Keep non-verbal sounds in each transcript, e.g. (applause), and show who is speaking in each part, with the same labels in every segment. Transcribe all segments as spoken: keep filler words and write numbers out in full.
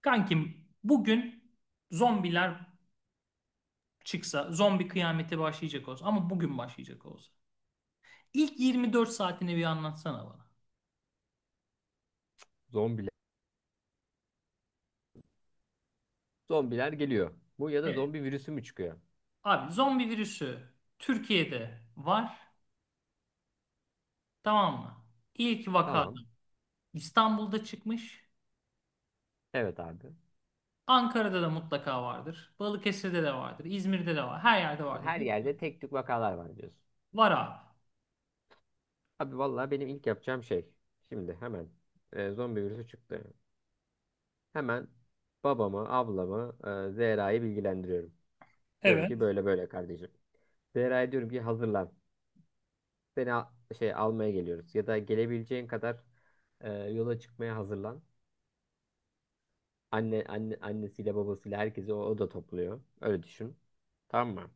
Speaker 1: Kankim bugün zombiler çıksa, zombi kıyameti başlayacak olsa ama bugün başlayacak olsa. İlk yirmi dört saatini bir anlatsana bana.
Speaker 2: Zombiler. Zombiler geliyor. Bu ya da
Speaker 1: Evet.
Speaker 2: zombi virüsü mü çıkıyor?
Speaker 1: Abi zombi virüsü Türkiye'de var, tamam mı? İlk vakada
Speaker 2: Tamam.
Speaker 1: İstanbul'da çıkmış.
Speaker 2: Evet abi.
Speaker 1: Ankara'da da mutlaka vardır. Balıkesir'de de vardır. İzmir'de de var. Her yerde vardır.
Speaker 2: Her yerde tek tük vakalar var diyorsun.
Speaker 1: Var abi.
Speaker 2: Abi vallahi benim ilk yapacağım şey. Şimdi hemen e, zombi virüsü çıktı. Hemen babamı, ablamı, e, Zehra'yı bilgilendiriyorum. Diyorum
Speaker 1: Evet.
Speaker 2: ki böyle böyle kardeşim. Zehra'ya diyorum ki hazırlan. Seni al- şey almaya geliyoruz. Ya da gelebileceğin kadar e, yola çıkmaya hazırlan. Anne, anne, annesiyle babasıyla herkesi o, o da topluyor. Öyle düşün. Tamam mı?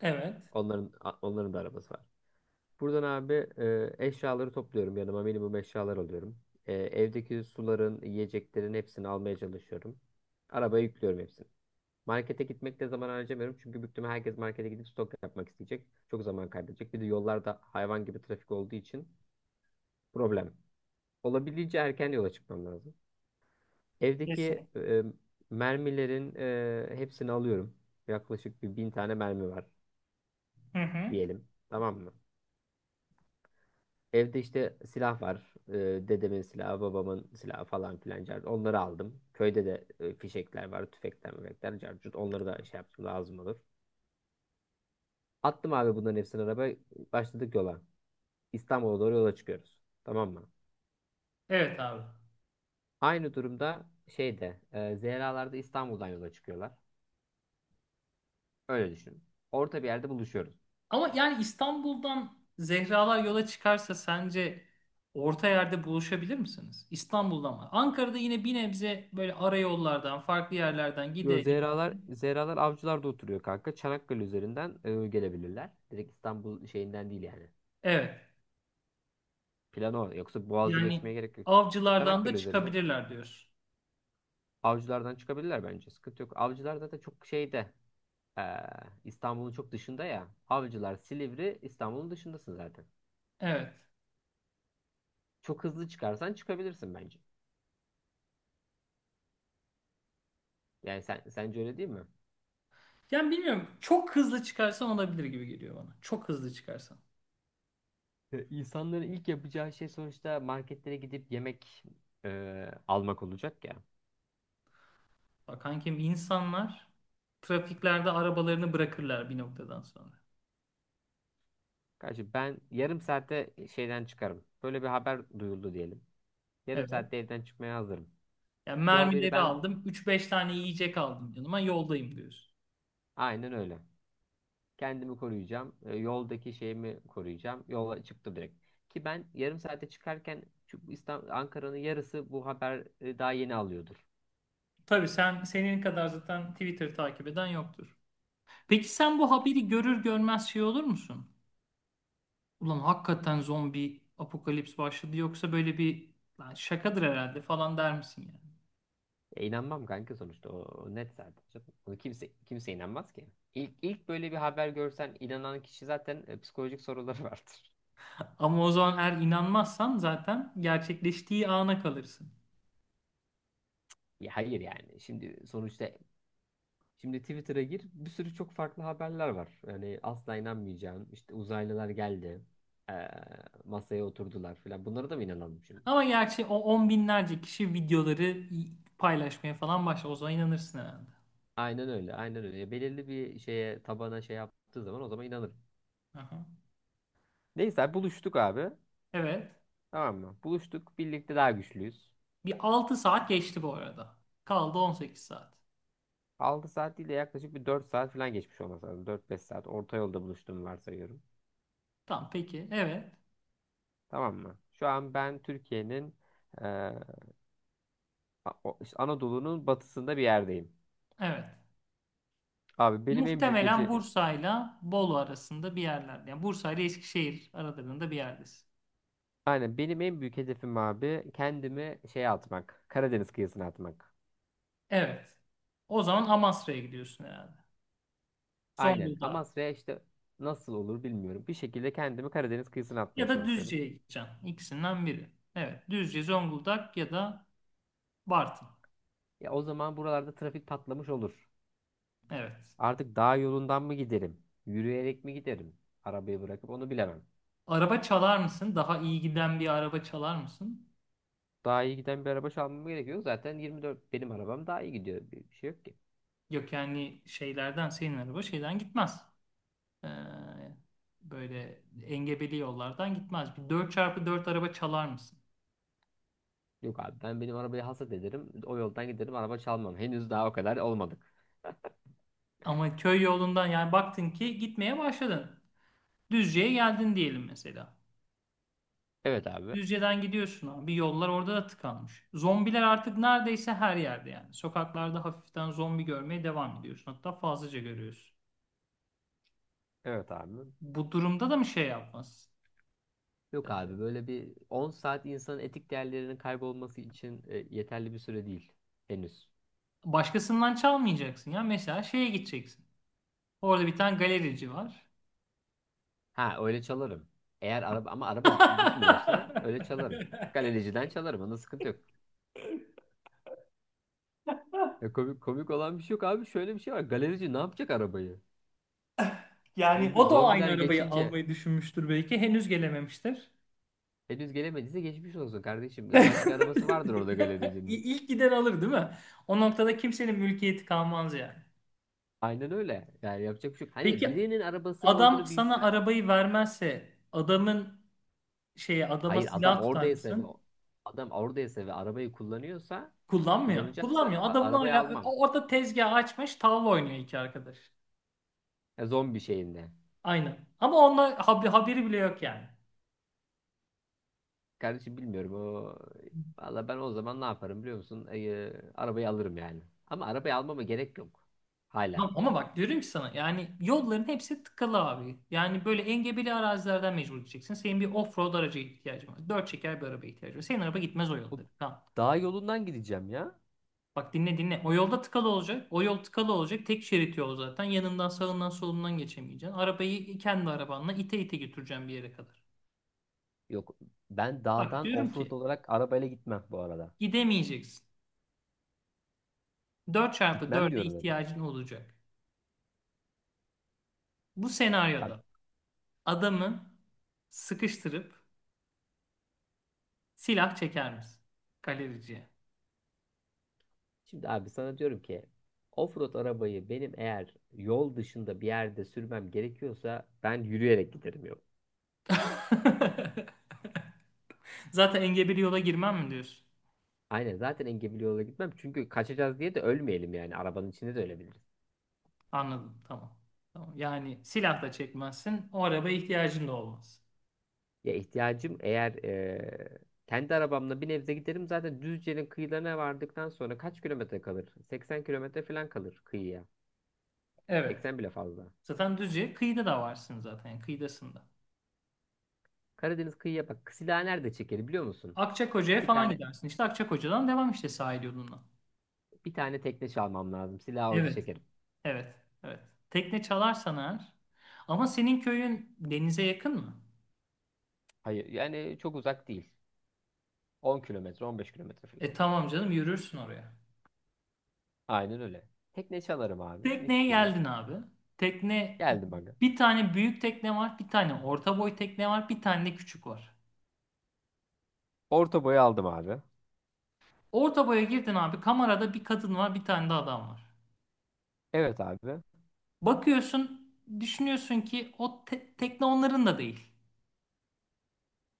Speaker 1: Evet.
Speaker 2: Onların onların da arabası var. Buradan abi e, eşyaları topluyorum yanıma. Minimum eşyalar alıyorum. E, evdeki suların, yiyeceklerin hepsini almaya çalışıyorum. Arabaya yüklüyorum hepsini. Markete gitmekte zaman harcamıyorum, çünkü büyük ihtimal herkes markete gidip stok yapmak isteyecek. Çok zaman kaybedecek. Bir de yollarda hayvan gibi trafik olduğu için problem. Olabildiğince erken yola çıkmam lazım. Evdeki
Speaker 1: Kesin.
Speaker 2: e, mermilerin e, hepsini alıyorum. Yaklaşık bir bin tane mermi var
Speaker 1: Hı hı.
Speaker 2: diyelim. Tamam mı? Evde işte silah var. Ee, dedemin silahı, babamın silahı falan filan. car- Onları aldım. Köyde de e, fişekler var, tüfekler, müfekler, carcut. Onları da şey yaptım, lazım olur. Attım abi bunların hepsini arabaya. Başladık yola. İstanbul'a doğru yola çıkıyoruz. Tamam mı?
Speaker 1: Evet abi.
Speaker 2: Aynı durumda şeyde e, Zehralar da İstanbul'dan yola çıkıyorlar. Öyle düşün. Orta bir yerde buluşuyoruz.
Speaker 1: Ama yani İstanbul'dan Zehralar yola çıkarsa sence orta yerde buluşabilir misiniz? İstanbul'dan mı? Ankara'da yine bir nebze böyle ara yollardan, farklı yerlerden
Speaker 2: Yo,
Speaker 1: gide gide.
Speaker 2: Zehralar, Zehralar Avcılar'da oturuyor kanka. Çanakkale üzerinden e, gelebilirler. Direkt İstanbul şeyinden değil yani.
Speaker 1: Evet.
Speaker 2: Plan o. Yoksa Boğaz'ı
Speaker 1: Yani
Speaker 2: geçmeye gerek yok.
Speaker 1: avcılardan da
Speaker 2: Çanakkale üzerinden.
Speaker 1: çıkabilirler diyorsun.
Speaker 2: Avcılardan çıkabilirler bence. Sıkıntı yok. Avcılar zaten çok şeyde. eee, İstanbul'un çok dışında ya. Avcılar, Silivri, İstanbul'un dışındasın zaten.
Speaker 1: Evet.
Speaker 2: Çok hızlı çıkarsan çıkabilirsin bence. Yani sen sence öyle değil mi?
Speaker 1: Yani bilmiyorum. Çok hızlı çıkarsan olabilir gibi geliyor bana. Çok hızlı çıkarsan.
Speaker 2: E, İnsanların ilk yapacağı şey sonuçta marketlere gidip yemek eee, almak olacak ya.
Speaker 1: Bak kankim, insanlar trafiklerde arabalarını bırakırlar bir noktadan sonra.
Speaker 2: Kardeşim ben yarım saatte şeyden çıkarım. Böyle bir haber duyuldu diyelim. Yarım
Speaker 1: Evet.
Speaker 2: saatte evden çıkmaya hazırım.
Speaker 1: Yani
Speaker 2: Bu haberi
Speaker 1: mermileri
Speaker 2: ben,
Speaker 1: aldım, üç beş tane yiyecek aldım yanıma. Yoldayım diyorsun.
Speaker 2: aynen öyle. Kendimi koruyacağım. E, yoldaki şeyimi koruyacağım. Yola çıktım direkt. Ki ben yarım saate çıkarken şu İstanbul, Ankara'nın yarısı bu haber e, daha yeni alıyordur.
Speaker 1: Tabii sen, senin kadar zaten Twitter'ı takip eden yoktur. Peki sen bu haberi görür görmez şey olur musun? Ulan, hakikaten zombi apokalips başladı yoksa böyle bir lan şakadır herhalde falan der misin yani?
Speaker 2: E, inanmam kanka, sonuçta o, o net zaten, canım. Ona kimse kimse inanmaz ki. İlk ilk böyle bir haber görsen, inanan kişi zaten e, psikolojik soruları (laughs) vardır.
Speaker 1: Ama o zaman eğer inanmazsan zaten gerçekleştiği ana kalırsın.
Speaker 2: Ya hayır yani. Şimdi sonuçta şimdi Twitter'a gir, bir sürü çok farklı haberler var. Yani asla inanmayacağın, işte uzaylılar geldi, e, masaya oturdular falan. Bunlara da mı inanalım şimdi?
Speaker 1: Ama gerçi o on binlerce kişi videoları paylaşmaya falan başlar. O zaman inanırsın herhalde.
Speaker 2: Aynen öyle. Aynen öyle. Belirli bir şeye tabana şey yaptığı zaman, o zaman inanırım.
Speaker 1: Aha.
Speaker 2: Neyse abi, buluştuk abi.
Speaker 1: Evet.
Speaker 2: Tamam mı? Buluştuk. Birlikte daha güçlüyüz.
Speaker 1: Bir altı saat geçti bu arada. Kaldı on sekiz saat.
Speaker 2: Altı saat değil de yaklaşık bir dört saat falan geçmiş olması lazım. dört beş saat. Orta yolda buluştuğumu varsayıyorum.
Speaker 1: Tamam peki. Evet.
Speaker 2: Tamam mı? Şu an ben Türkiye'nin e, A- o- işte Anadolu'nun batısında bir yerdeyim.
Speaker 1: Evet.
Speaker 2: Abi benim en büyük
Speaker 1: Muhtemelen
Speaker 2: ece-
Speaker 1: Bursa'yla Bolu arasında bir yerlerde. Yani Bursa ile Eskişehir aralarında bir yerdesin.
Speaker 2: Aynen, benim en büyük hedefim abi kendimi şeye atmak. Karadeniz kıyısına atmak.
Speaker 1: Evet. O zaman Amasra'ya gidiyorsun herhalde.
Speaker 2: Aynen.
Speaker 1: Zonguldak
Speaker 2: Amasra'ya işte, nasıl olur bilmiyorum. Bir şekilde kendimi Karadeniz kıyısına atmaya
Speaker 1: ya da
Speaker 2: çalışıyorum.
Speaker 1: Düzce'ye gideceksin. İkisinden biri. Evet. Düzce, Zonguldak ya da Bartın.
Speaker 2: Ya o zaman buralarda trafik patlamış olur.
Speaker 1: Evet.
Speaker 2: Artık dağ yolundan mı giderim? Yürüyerek mi giderim? Arabayı bırakıp onu bilemem.
Speaker 1: Araba çalar mısın? Daha iyi giden bir araba çalar mısın?
Speaker 2: Daha iyi giden bir araba çalmam gerekiyor. Zaten yirmi dört benim arabam daha iyi gidiyor. Bir bir şey yok ki.
Speaker 1: Yok yani şeylerden, senin araba şeyden gitmez. Ee, Böyle engebeli yollardan gitmez. Bir dört çarpı dört araba çalar mısın?
Speaker 2: Yok abi, ben benim arabayı hasat ederim. O yoldan giderim, araba çalmam. Henüz daha o kadar olmadık.
Speaker 1: Ama köy yolundan, yani baktın ki gitmeye başladın. Düzce'ye geldin diyelim mesela.
Speaker 2: Evet abi.
Speaker 1: Düzce'den gidiyorsun abi. Yollar orada da tıkanmış. Zombiler artık neredeyse her yerde yani. Sokaklarda hafiften zombi görmeye devam ediyorsun. Hatta fazlaca görüyorsun.
Speaker 2: Evet abi.
Speaker 1: Bu durumda da mı şey yapmaz?
Speaker 2: Yok abi, böyle bir on saat insanın etik değerlerinin kaybolması için e, yeterli bir süre değil. Henüz.
Speaker 1: Başkasından çalmayacaksın ya. Mesela şeye gideceksin. Orada bir tane galerici var.
Speaker 2: Ha, öyle çalarım. Eğer araba, ama araba g- gitmiyorsa öyle çalarım.
Speaker 1: (laughs)
Speaker 2: Galericiden çalarım. Onda sıkıntı yok. Ya komik, komik olan bir şey yok abi. Şöyle bir şey var. Galerici ne yapacak arabayı?
Speaker 1: Yani
Speaker 2: Zombi,
Speaker 1: o da aynı
Speaker 2: zombiler
Speaker 1: arabayı
Speaker 2: geçince,
Speaker 1: almayı düşünmüştür belki. Henüz gelememiştir.
Speaker 2: henüz gelemediyse geçmiş olsun kardeşim.
Speaker 1: (laughs)
Speaker 2: Ya başka arabası vardır orada
Speaker 1: İ-
Speaker 2: galericinin.
Speaker 1: İlk giden alır, değil mi? O noktada kimsenin mülkiyeti kalmaz yani.
Speaker 2: Aynen öyle. Yani yapacak bir şey yok. Hani
Speaker 1: Peki
Speaker 2: birinin arabasının
Speaker 1: adam
Speaker 2: olduğunu
Speaker 1: sana
Speaker 2: bilsen.
Speaker 1: arabayı vermezse adamın, şeye, adama
Speaker 2: Hayır, adam
Speaker 1: silah tutar
Speaker 2: oradaysa ve
Speaker 1: mısın?
Speaker 2: adam oradaysa ve arabayı kullanıyorsa,
Speaker 1: Kullanmıyor.
Speaker 2: kullanacaksa
Speaker 1: Kullanmıyor.
Speaker 2: a-
Speaker 1: Adamın
Speaker 2: arabayı
Speaker 1: hala
Speaker 2: almam.
Speaker 1: o- orada tezgah açmış, tavla oynuyor iki arkadaş.
Speaker 2: Ya zombi şeyinde.
Speaker 1: Aynen. Ama onunla hab- haberi bile yok yani.
Speaker 2: Kardeşim, bilmiyorum o, valla ben o zaman ne yaparım biliyor musun? Ee, arabayı alırım yani. Ama arabayı almama gerek yok.
Speaker 1: Ya,
Speaker 2: Hala.
Speaker 1: ama bak, diyorum ki sana, yani yolların hepsi tıkalı abi. Yani böyle engebeli arazilerden mecbur gideceksin. Senin bir off-road araca ihtiyacın var. Dört çeker bir araba ihtiyacın var. Senin araba gitmez o
Speaker 2: Bu
Speaker 1: yolları. Tamam.
Speaker 2: dağ yolundan gideceğim ya.
Speaker 1: Bak, dinle dinle. O yolda tıkalı olacak. O yol tıkalı olacak. Tek şerit yol zaten. Yanından, sağından, solundan geçemeyeceksin. Arabayı kendi arabanla ite ite götüreceğim bir yere kadar.
Speaker 2: Yok. Ben
Speaker 1: Bak
Speaker 2: dağdan
Speaker 1: diyorum
Speaker 2: offroad
Speaker 1: ki
Speaker 2: olarak arabayla gitmem bu arada.
Speaker 1: gidemeyeceksin. Dört çarpı
Speaker 2: Gitmem
Speaker 1: dörde
Speaker 2: diyorum, dedim.
Speaker 1: ihtiyacın olacak. Bu
Speaker 2: Bak.
Speaker 1: senaryoda adamı sıkıştırıp silah çeker misin? Galericiye.
Speaker 2: Şimdi abi sana diyorum ki, offroad arabayı benim eğer yol dışında bir yerde sürmem gerekiyorsa, ben yürüyerek giderim, yok.
Speaker 1: (laughs) Zaten engebeli yola girmem mi diyorsun?
Speaker 2: Aynen, zaten engebeli yola gitmem, çünkü kaçacağız diye de ölmeyelim, yani arabanın içinde de ölebiliriz.
Speaker 1: Anladım. Tamam. Tamam. Yani silah da çekmezsin. O arabaya ihtiyacın da olmaz.
Speaker 2: Ya ihtiyacım eğer eee, kendi arabamla bir nebze giderim, zaten Düzce'nin kıyılarına vardıktan sonra kaç kilometre kalır? seksen kilometre falan kalır kıyıya.
Speaker 1: Evet.
Speaker 2: seksen bile fazla.
Speaker 1: Zaten Düzce kıyıda da varsın zaten, yani kıyıdasında.
Speaker 2: Karadeniz kıyıya bak. Silah nerede çekerim biliyor musun?
Speaker 1: Akçakoca'ya
Speaker 2: Bir
Speaker 1: falan
Speaker 2: tane
Speaker 1: gidersin. İşte Akçakoca'dan devam işte sahil yoluna.
Speaker 2: bir tane tekne çalmam lazım. Silahı orada
Speaker 1: Evet.
Speaker 2: çekerim.
Speaker 1: Evet. Evet. Tekne çalarsan eğer. Ama senin köyün denize yakın mı?
Speaker 2: Hayır yani, çok uzak değil. on kilometre, on beş kilometre falan.
Speaker 1: E tamam canım, yürürsün oraya.
Speaker 2: Aynen öyle. Tekne çalarım abi, mis
Speaker 1: Tekneye
Speaker 2: gibi.
Speaker 1: geldin abi. Tekne,
Speaker 2: Geldim aga.
Speaker 1: bir tane büyük tekne var, bir tane orta boy tekne var, bir tane de küçük var.
Speaker 2: Orta boyu aldım abi.
Speaker 1: Orta boya girdin abi. Kamerada bir kadın var, bir tane de adam var.
Speaker 2: Evet abi.
Speaker 1: Bakıyorsun, düşünüyorsun ki o te- tekne onların da değil.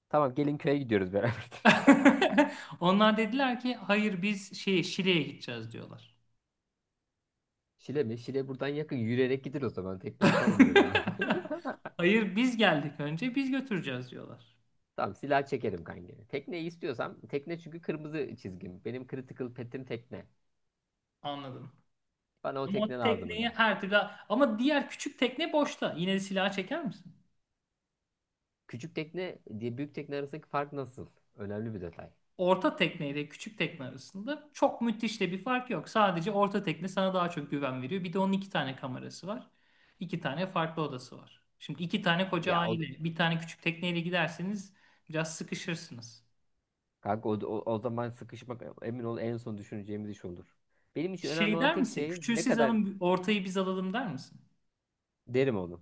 Speaker 2: Tamam, gelin köye gidiyoruz beraber. (laughs)
Speaker 1: (laughs) Onlar dediler ki hayır, biz şey, Şile'ye gideceğiz diyorlar.
Speaker 2: Şile mi? Şile buradan yakın. Yürüyerek gider o zaman. Tekneyi salın derim abi.
Speaker 1: (laughs)
Speaker 2: (laughs)
Speaker 1: Hayır, biz geldik önce, biz götüreceğiz diyorlar.
Speaker 2: Tamam, silah çekerim kanka. Tekneyi istiyorsam tekne, çünkü kırmızı çizgim. Benim critical pet'im tekne.
Speaker 1: Anladım.
Speaker 2: Bana o
Speaker 1: Ama o
Speaker 2: tekne lazım
Speaker 1: tekneyi
Speaker 2: aga.
Speaker 1: her türlü, ama diğer küçük tekne boşta. Yine de silahı çeker misin?
Speaker 2: Küçük tekne diye büyük tekne arasındaki fark nasıl? Önemli bir detay.
Speaker 1: Orta tekne ile küçük tekne arasında çok müthiş de bir fark yok. Sadece orta tekne sana daha çok güven veriyor. Bir de onun iki tane kamerası var. İki tane farklı odası var. Şimdi iki tane koca
Speaker 2: Ya o
Speaker 1: aile, bir tane küçük tekneyle giderseniz biraz sıkışırsınız.
Speaker 2: kanka o, o, o zaman sıkışmak, emin ol, en son düşüneceğimiz iş olur. Benim için önemli
Speaker 1: Şey
Speaker 2: olan
Speaker 1: der
Speaker 2: tek
Speaker 1: misin?
Speaker 2: şey
Speaker 1: Küçüğü
Speaker 2: ne
Speaker 1: siz
Speaker 2: kadar,
Speaker 1: alın, ortayı biz alalım der misin?
Speaker 2: derim onu.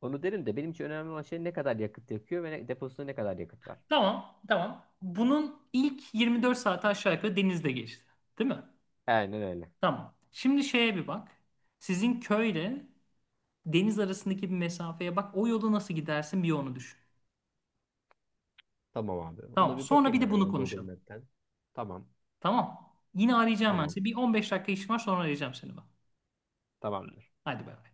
Speaker 2: Onu derim de, benim için önemli olan şey ne kadar yakıt yakıyor ve ne, deposunda ne kadar yakıt var.
Speaker 1: Tamam, tamam. Bunun ilk yirmi dört saati aşağı yukarı denizde geçti. Değil mi?
Speaker 2: Aynen öyle.
Speaker 1: Tamam. Şimdi şeye bir bak. Sizin köyle deniz arasındaki bir mesafeye bak. O yolu nasıl gidersin, bir onu düşün.
Speaker 2: Tamam abi. Ona
Speaker 1: Tamam.
Speaker 2: bir
Speaker 1: Sonra bir
Speaker 2: bakayım
Speaker 1: de
Speaker 2: ben
Speaker 1: bunu
Speaker 2: hemen Google
Speaker 1: konuşalım.
Speaker 2: Map'ten. Tamam.
Speaker 1: Tamam. Yine arayacağım ben
Speaker 2: Tamam.
Speaker 1: seni. Bir on beş dakika işim var, sonra arayacağım seni ben.
Speaker 2: Tamamdır.
Speaker 1: Hadi bay bay.